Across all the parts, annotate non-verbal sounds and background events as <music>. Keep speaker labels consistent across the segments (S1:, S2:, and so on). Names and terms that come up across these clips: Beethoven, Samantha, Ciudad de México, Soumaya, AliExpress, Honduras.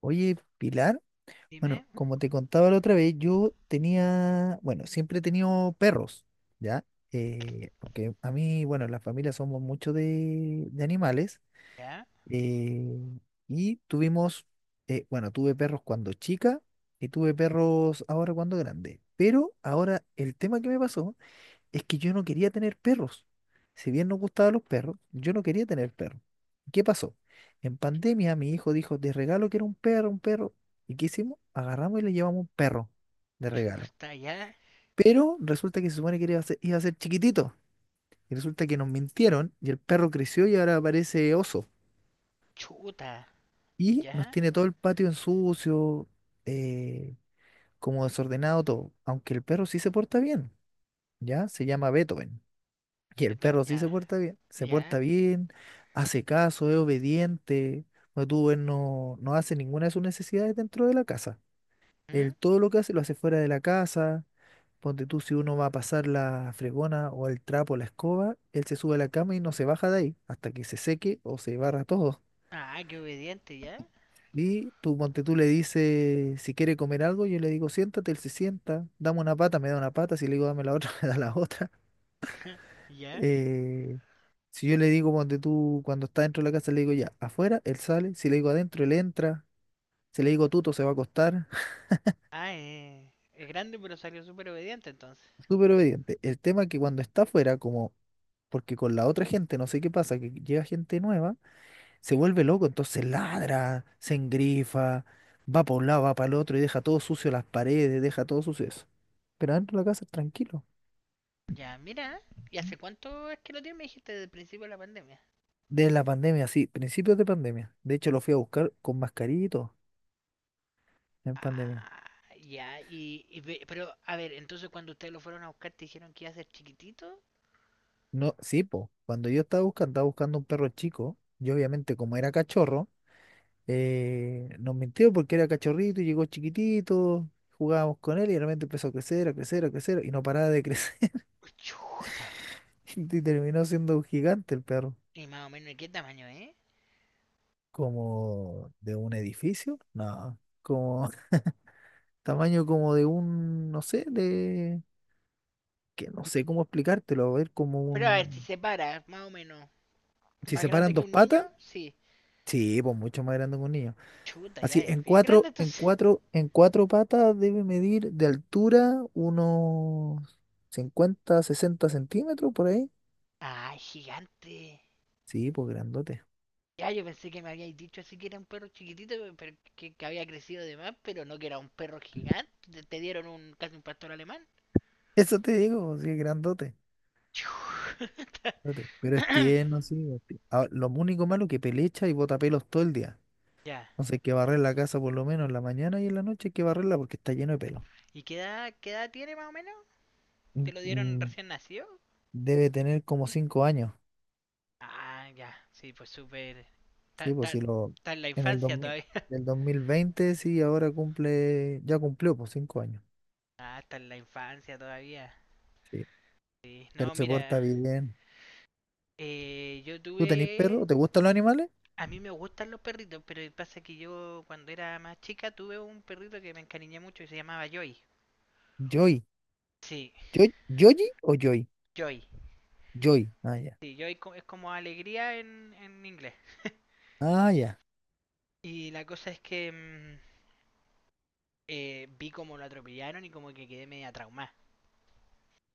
S1: Oye, Pilar, bueno,
S2: Dime,
S1: como te contaba la otra vez, yo tenía, bueno, siempre he tenido perros, ¿ya? Porque a mí, bueno, en la familia somos mucho de animales,
S2: ya,
S1: eh, y tuvimos, bueno, tuve perros cuando chica y tuve perros ahora cuando grande. Pero ahora el tema que me pasó es que yo no quería tener perros. Si bien nos gustaban los perros, yo no quería tener perros. ¿Qué pasó? En pandemia mi hijo dijo, de regalo que era un perro, un perro. ¿Y qué hicimos? Agarramos y le llevamos un perro de regalo.
S2: chuta, ya,
S1: Pero resulta que se supone que iba a ser chiquitito. Y resulta que nos mintieron y el perro creció y ahora parece oso.
S2: chuta,
S1: Y
S2: ya,
S1: nos tiene todo el patio en sucio, eh, como desordenado todo. Aunque el perro sí se porta bien, ¿ya? Se llama Beethoven. Y el
S2: perdón,
S1: perro sí
S2: ya,
S1: se porta
S2: ya.
S1: bien, hace caso, es obediente. No, tú, él no hace ninguna de sus necesidades dentro de la casa.
S2: ¿Mm?
S1: Él todo lo que hace lo hace fuera de la casa. Ponte tú, si uno va a pasar la fregona o el trapo, la escoba, él se sube a la cama y no se baja de ahí hasta que se seque o se barra todo.
S2: Ah, qué obediente, ya,
S1: Y tú, ponte tú, le dices si quiere comer algo, yo le digo siéntate, él se sienta, dame una pata, me da una pata, si le digo dame la otra, <laughs> me da la otra.
S2: <laughs> ya,
S1: Eh, si yo le digo cuando cuando está dentro de la casa, le digo ya, afuera, él sale. Si le digo adentro, él entra. Si le digo tuto, se va a acostar.
S2: ah, es grande pero salió súper obediente entonces.
S1: <laughs> Súper obediente. El tema es que cuando está afuera, como, porque con la otra gente, no sé qué pasa, que llega gente nueva, se vuelve loco, entonces ladra, se engrifa, va para un lado, va para el otro y deja todo sucio las paredes, deja todo sucio eso. Pero adentro de la casa, es tranquilo.
S2: Ya, mira, ¿y hace cuánto es que lo tienes? Me dijiste desde el principio de la pandemia.
S1: De la pandemia, sí, principios de pandemia. De hecho, lo fui a buscar con mascarito en pandemia.
S2: Ah, ya, pero, a ver, entonces cuando ustedes lo fueron a buscar te dijeron que iba a ser chiquitito.
S1: No, sí, po. Cuando yo estaba buscando un perro chico. Yo obviamente como era cachorro, nos mintió porque era cachorrito y llegó chiquitito, jugábamos con él y realmente empezó a crecer, a crecer, a crecer y no paraba de crecer. <laughs>
S2: Chuta,
S1: Y terminó siendo un gigante el perro.
S2: y más o menos, ¿de qué tamaño,
S1: Como de un edificio, no, como <laughs> tamaño como de un, no sé, de, que no sé cómo explicártelo, a ver, como
S2: Pero a ver, si
S1: un,
S2: se para, más o menos.
S1: si
S2: ¿Más grande
S1: separan
S2: que
S1: dos
S2: un niño?
S1: patas,
S2: Sí.
S1: sí, pues mucho más grande que un niño.
S2: Chuta, ya
S1: Así,
S2: es
S1: en
S2: bien
S1: cuatro,
S2: grande
S1: en
S2: entonces.
S1: cuatro, en cuatro patas debe medir de altura unos 50, 60 centímetros por ahí.
S2: Ay, gigante.
S1: Sí, pues grandote.
S2: Ya, yo pensé que me habíais dicho así que era un perro chiquitito, pero que había crecido de más, pero no que era un perro gigante. Te dieron un casi un pastor alemán.
S1: <laughs> Eso te digo, pues, sí, grandote.
S2: Chuta.
S1: Grandote. Pero es
S2: <coughs>
S1: tierno, sí. Es tierno. Ah, lo único malo que pelecha y bota pelos todo el día.
S2: Ya.
S1: Entonces hay que barrer la casa por lo menos en la mañana y en la noche hay que barrerla porque está lleno de pelo.
S2: ¿Y qué edad tiene más o menos?
S1: Mm,
S2: ¿Te lo dieron
S1: mm,
S2: recién nacido?
S1: Debe tener como 5 años.
S2: Ah, ya. Sí, pues súper... Está,
S1: Sí, pues si lo...
S2: está en la
S1: En el
S2: infancia
S1: 2000,
S2: todavía.
S1: del
S2: <laughs>
S1: 2020 sí, ahora cumple... Ya cumplió, pues 5 años.
S2: Ah, está en la infancia todavía.
S1: Sí,
S2: Sí.
S1: pero
S2: No,
S1: se
S2: mira,
S1: porta bien.
S2: yo
S1: ¿Tú tenés
S2: tuve.
S1: perro? ¿Te gustan los animales?
S2: A mí me gustan los perritos, pero pasa que yo cuando era más chica tuve un perrito que me encariñé mucho y se llamaba Joy.
S1: Joy.
S2: Sí,
S1: ¿Joy? ¿Yoyi o Joy?
S2: Joy.
S1: Joy. Ah, ya.
S2: Sí, es como alegría en inglés.
S1: Ah, ya.
S2: Y la cosa es que vi como lo atropellaron y como que quedé media traumada.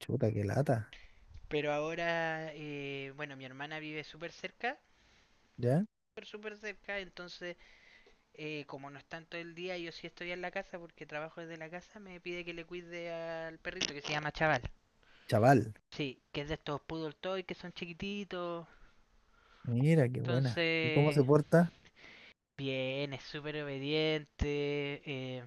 S1: Chuta, qué lata.
S2: Pero ahora, bueno, mi hermana vive súper cerca,
S1: ¿Ya?
S2: súper, súper cerca, entonces como no están todo el día, yo sí estoy en la casa porque trabajo desde la casa, me pide que le cuide al perrito que se llama Chaval.
S1: Chaval.
S2: Sí, que es de estos poodle toy que son chiquititos.
S1: Mira, qué buena. ¿Y cómo se
S2: Entonces,
S1: porta?
S2: bien, es súper obediente. eh,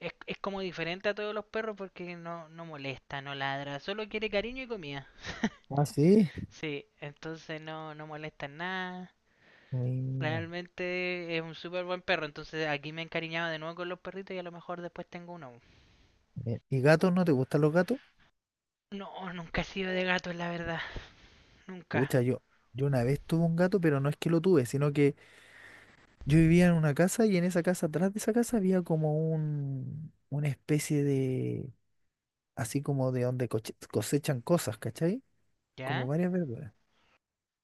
S2: es como diferente a todos los perros porque no, no molesta, no ladra, solo quiere cariño y comida.
S1: Ah, sí.
S2: Sí, entonces no, no molesta en nada.
S1: Mira.
S2: Realmente es un súper buen perro, entonces aquí me he encariñado de nuevo con los perritos y a lo mejor después tengo uno.
S1: ¿Y gatos? ¿No te gustan los gatos?
S2: No, nunca he sido de gatos, la verdad, nunca.
S1: Pucha, yo una vez tuve un gato, pero no es que lo tuve, sino que yo vivía en una casa y en esa casa, atrás de esa casa, había como un, una especie de, así como de donde cosechan cosas, ¿cachai? Como
S2: ¿Ya?
S1: varias verduras.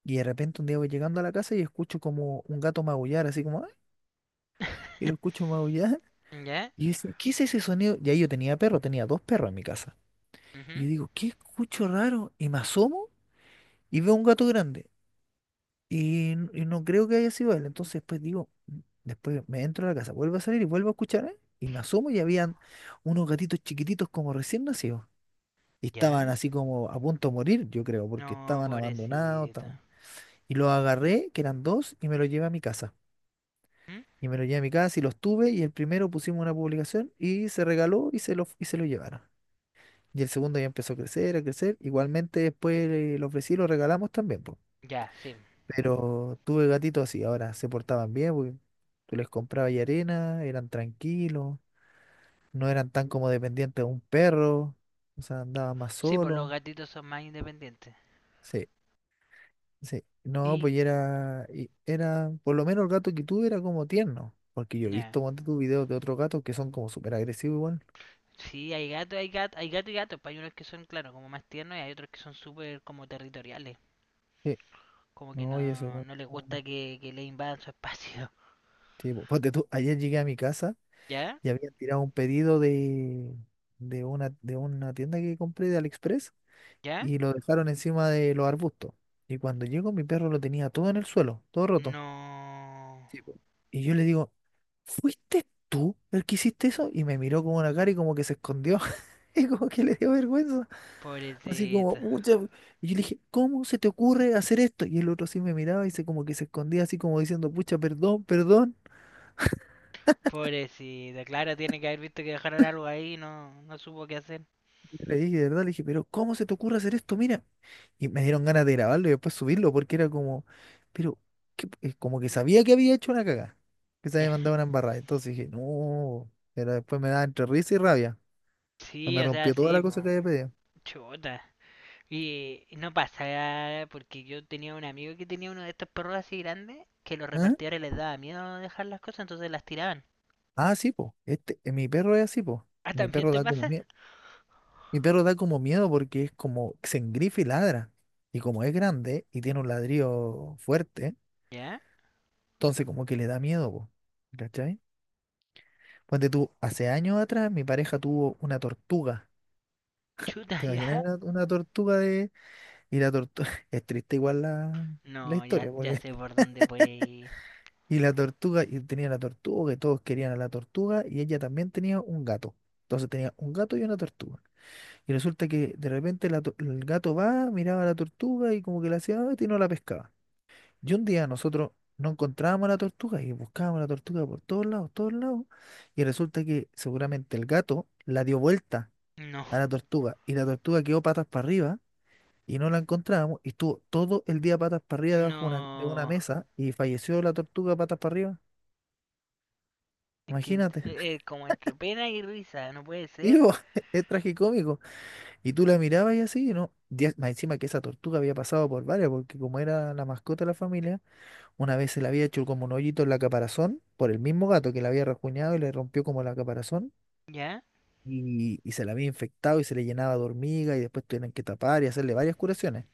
S1: Y de repente un día voy llegando a la casa y escucho como un gato maullar, así como, "Ah",
S2: <laughs>
S1: y lo escucho maullar.
S2: ¿Ya?
S1: Y yo decía, ¿qué es ese sonido? Y ahí yo tenía perro, tenía dos perros en mi casa. Y
S2: Ujú.
S1: yo digo, ¿qué escucho raro? Y me asomo y veo un gato grande. Y, y no creo que haya sido él. Entonces después digo, "Mm". Después me entro a la casa, vuelvo a salir y vuelvo a escuchar, ¿eh? Y me asomo y habían unos gatitos chiquititos como recién nacidos. Y estaban
S2: ¿Ya?
S1: así como a punto de morir, yo creo, porque
S2: No,
S1: estaban abandonados.
S2: pobrecita.
S1: Estaban... Y los agarré, que eran dos, y me los llevé a mi casa.
S2: ¿Mm?
S1: Y me lo llevé a mi casa y los tuve y el primero pusimos una publicación y se regaló y se lo llevaron. Y el segundo ya empezó a crecer, a crecer. Igualmente después lo ofrecí y lo regalamos también, po.
S2: Ya, sí.
S1: Pero tuve gatitos así, ahora se portaban bien, porque tú les comprabas y arena, eran tranquilos, no eran tan como dependientes de un perro, o sea, andaban más
S2: Sí, pues los
S1: solos.
S2: gatitos son más independientes.
S1: Sí, sí. No, pues
S2: Y,
S1: y era, por lo menos el gato que tuve era como tierno, porque yo he
S2: ya.
S1: visto cuando tu videos de otros gatos que son como súper agresivos igual.
S2: Sí, hay gato, hay gato, hay gato y gatos. Pues hay unos que son, claro, como más tiernos y hay otros que son súper como territoriales.
S1: Sí.
S2: Como que
S1: No, y ese
S2: no,
S1: weón.
S2: no les gusta que le invadan su espacio.
S1: Sí, po. Ponte tú, ayer llegué a mi casa
S2: <laughs> ¿Ya?
S1: y había tirado un pedido de una tienda que compré de AliExpress
S2: ¿Ya?
S1: y lo dejaron encima de los arbustos. Y cuando llego, mi perro lo tenía todo en el suelo, todo roto.
S2: No.
S1: Sí, po. Y yo le digo, ¿fuiste tú el que hiciste eso? Y me miró con una cara y como que se escondió. <laughs> Y como que le dio vergüenza. Así como,
S2: Pobrecita.
S1: mucha. Y yo le dije, ¿cómo se te ocurre hacer esto? Y el otro sí me miraba y se como que se escondía así como diciendo, pucha, perdón, perdón.
S2: Pobrecita. Claro, tiene que haber visto que dejaron algo ahí y no, no supo qué hacer. <laughs>
S1: Yo le dije, de verdad, le dije, pero ¿cómo se te ocurre hacer esto? Mira. Y me dieron ganas de grabarlo y después subirlo porque era como, pero ¿qué como que sabía que había hecho una cagada, que se
S2: Yeah.
S1: había mandado una embarrada. Entonces dije, no, pero después me daba entre risa y rabia. Pues
S2: Sí,
S1: me
S2: o sea,
S1: rompió toda
S2: sí,
S1: la cosa
S2: pues.
S1: que había pedido.
S2: Chuta. Y no pasa, porque yo tenía un amigo que tenía uno de estos perros así grandes, que los
S1: ¿Ah?
S2: repartidores les daba miedo dejar las cosas, entonces las tiraban. <laughs>
S1: Ah, sí, po. Este, mi perro es así, po.
S2: Ah,
S1: Mi
S2: ¿también
S1: perro
S2: te
S1: da como
S2: pasa?
S1: miedo. Mi perro da como miedo porque es como se engrifa y ladra. Y como es grande y tiene un ladrillo fuerte,
S2: ¿Ya?
S1: entonces como que le da miedo, po. ¿Cachai? Ponte tú, hace años atrás mi pareja tuvo una tortuga.
S2: Chuta,
S1: ¿Te
S2: <laughs>
S1: imaginas
S2: ya.
S1: una tortuga de... Y la tortuga... <laughs> Es triste igual la
S2: No, ya,
S1: historia,
S2: ya
S1: porque...
S2: sé
S1: <laughs>
S2: por dónde puede ir.
S1: Y la tortuga, y tenía la tortuga, que todos querían a la tortuga, y ella también tenía un gato. Entonces tenía un gato y una tortuga. Y resulta que de repente el gato va, miraba a la tortuga y como que la hacía "Ay", y no la pescaba. Y un día nosotros no encontrábamos a la tortuga y buscábamos a la tortuga por todos lados, todos lados. Y resulta que seguramente el gato la dio vuelta
S2: No,
S1: a la tortuga y la tortuga quedó patas para arriba y no la encontrábamos y estuvo todo el día patas para arriba debajo de una
S2: no.
S1: mesa y falleció la tortuga patas para arriba.
S2: Es que
S1: Imagínate,
S2: como entre pena y risa, no puede ser.
S1: digo, <laughs> es tragicómico. Y tú la mirabas y así, ¿no? Más encima que esa tortuga había pasado por varias, porque como era la mascota de la familia, una vez se le había hecho como un hoyito en la caparazón por el mismo gato que la había rasguñado y le rompió como la caparazón
S2: ¿Ya?
S1: y se la había infectado y se le llenaba de hormiga y después tuvieron que tapar y hacerle varias curaciones.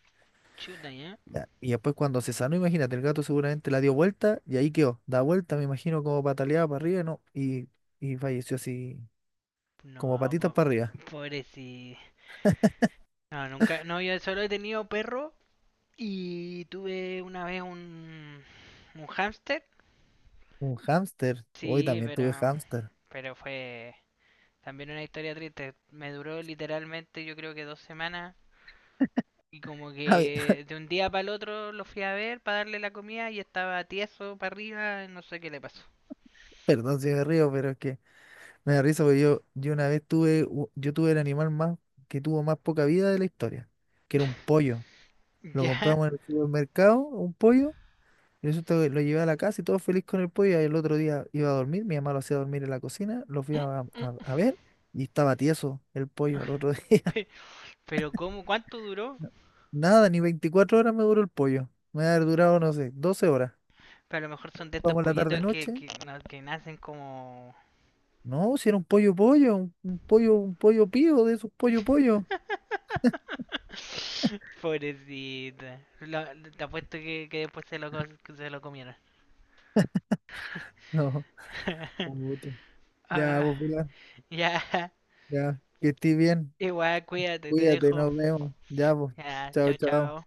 S2: Chuta, ya.
S1: Ya. Y después cuando se sanó, imagínate, el gato seguramente la dio vuelta y ahí quedó. Da vuelta, me imagino, como pataleaba para arriba, ¿no? Y falleció así, como
S2: No,
S1: patitas para arriba.
S2: po- pobrecito. No, nunca, no, yo solo he tenido perro y tuve una vez un hámster.
S1: Un hámster. Hoy
S2: Sí,
S1: también tuve hámster.
S2: pero fue también una historia triste. Me duró literalmente yo creo que dos semanas y como
S1: Ay,
S2: que
S1: <laughs>
S2: de un día para el otro lo fui a ver para darle la comida y estaba tieso para arriba, no sé qué le pasó.
S1: perdón si me río, pero es que me da risa porque yo, una vez tuve, yo tuve el animal más, que tuvo más poca vida de la historia, que era un
S2: <laughs>
S1: pollo. Lo
S2: Ya.
S1: compramos en el supermercado, un pollo. Lo llevé a la casa y todo feliz con el pollo. Y el otro día iba a dormir, mi mamá lo hacía dormir en la cocina, lo fui a ver y estaba tieso el pollo el otro día. <laughs>
S2: Pe- Pero ¿cómo? ¿Cuánto duró?
S1: No, nada, ni 24 horas me duró el pollo. Me ha durado, no sé, 12 horas.
S2: Pero a lo mejor son de estos
S1: Vamos a la
S2: pollitos
S1: tarde-noche.
S2: que nacen como...
S1: No, si era un pollo pollo, un pollo, un pollo pío de esos pollo pollo. <laughs>
S2: <laughs> Pobrecita. Te apuesto que después se que se lo comieron.
S1: No,
S2: <laughs>
S1: puta. Ya,
S2: Ah,
S1: pues, Pilar,
S2: ya,
S1: ya, que estés bien.
S2: igual, cuídate, te
S1: Cuídate,
S2: dejo.
S1: nos vemos. Ya, pues.
S2: Ya,
S1: Chao,
S2: chao,
S1: chao.
S2: chao.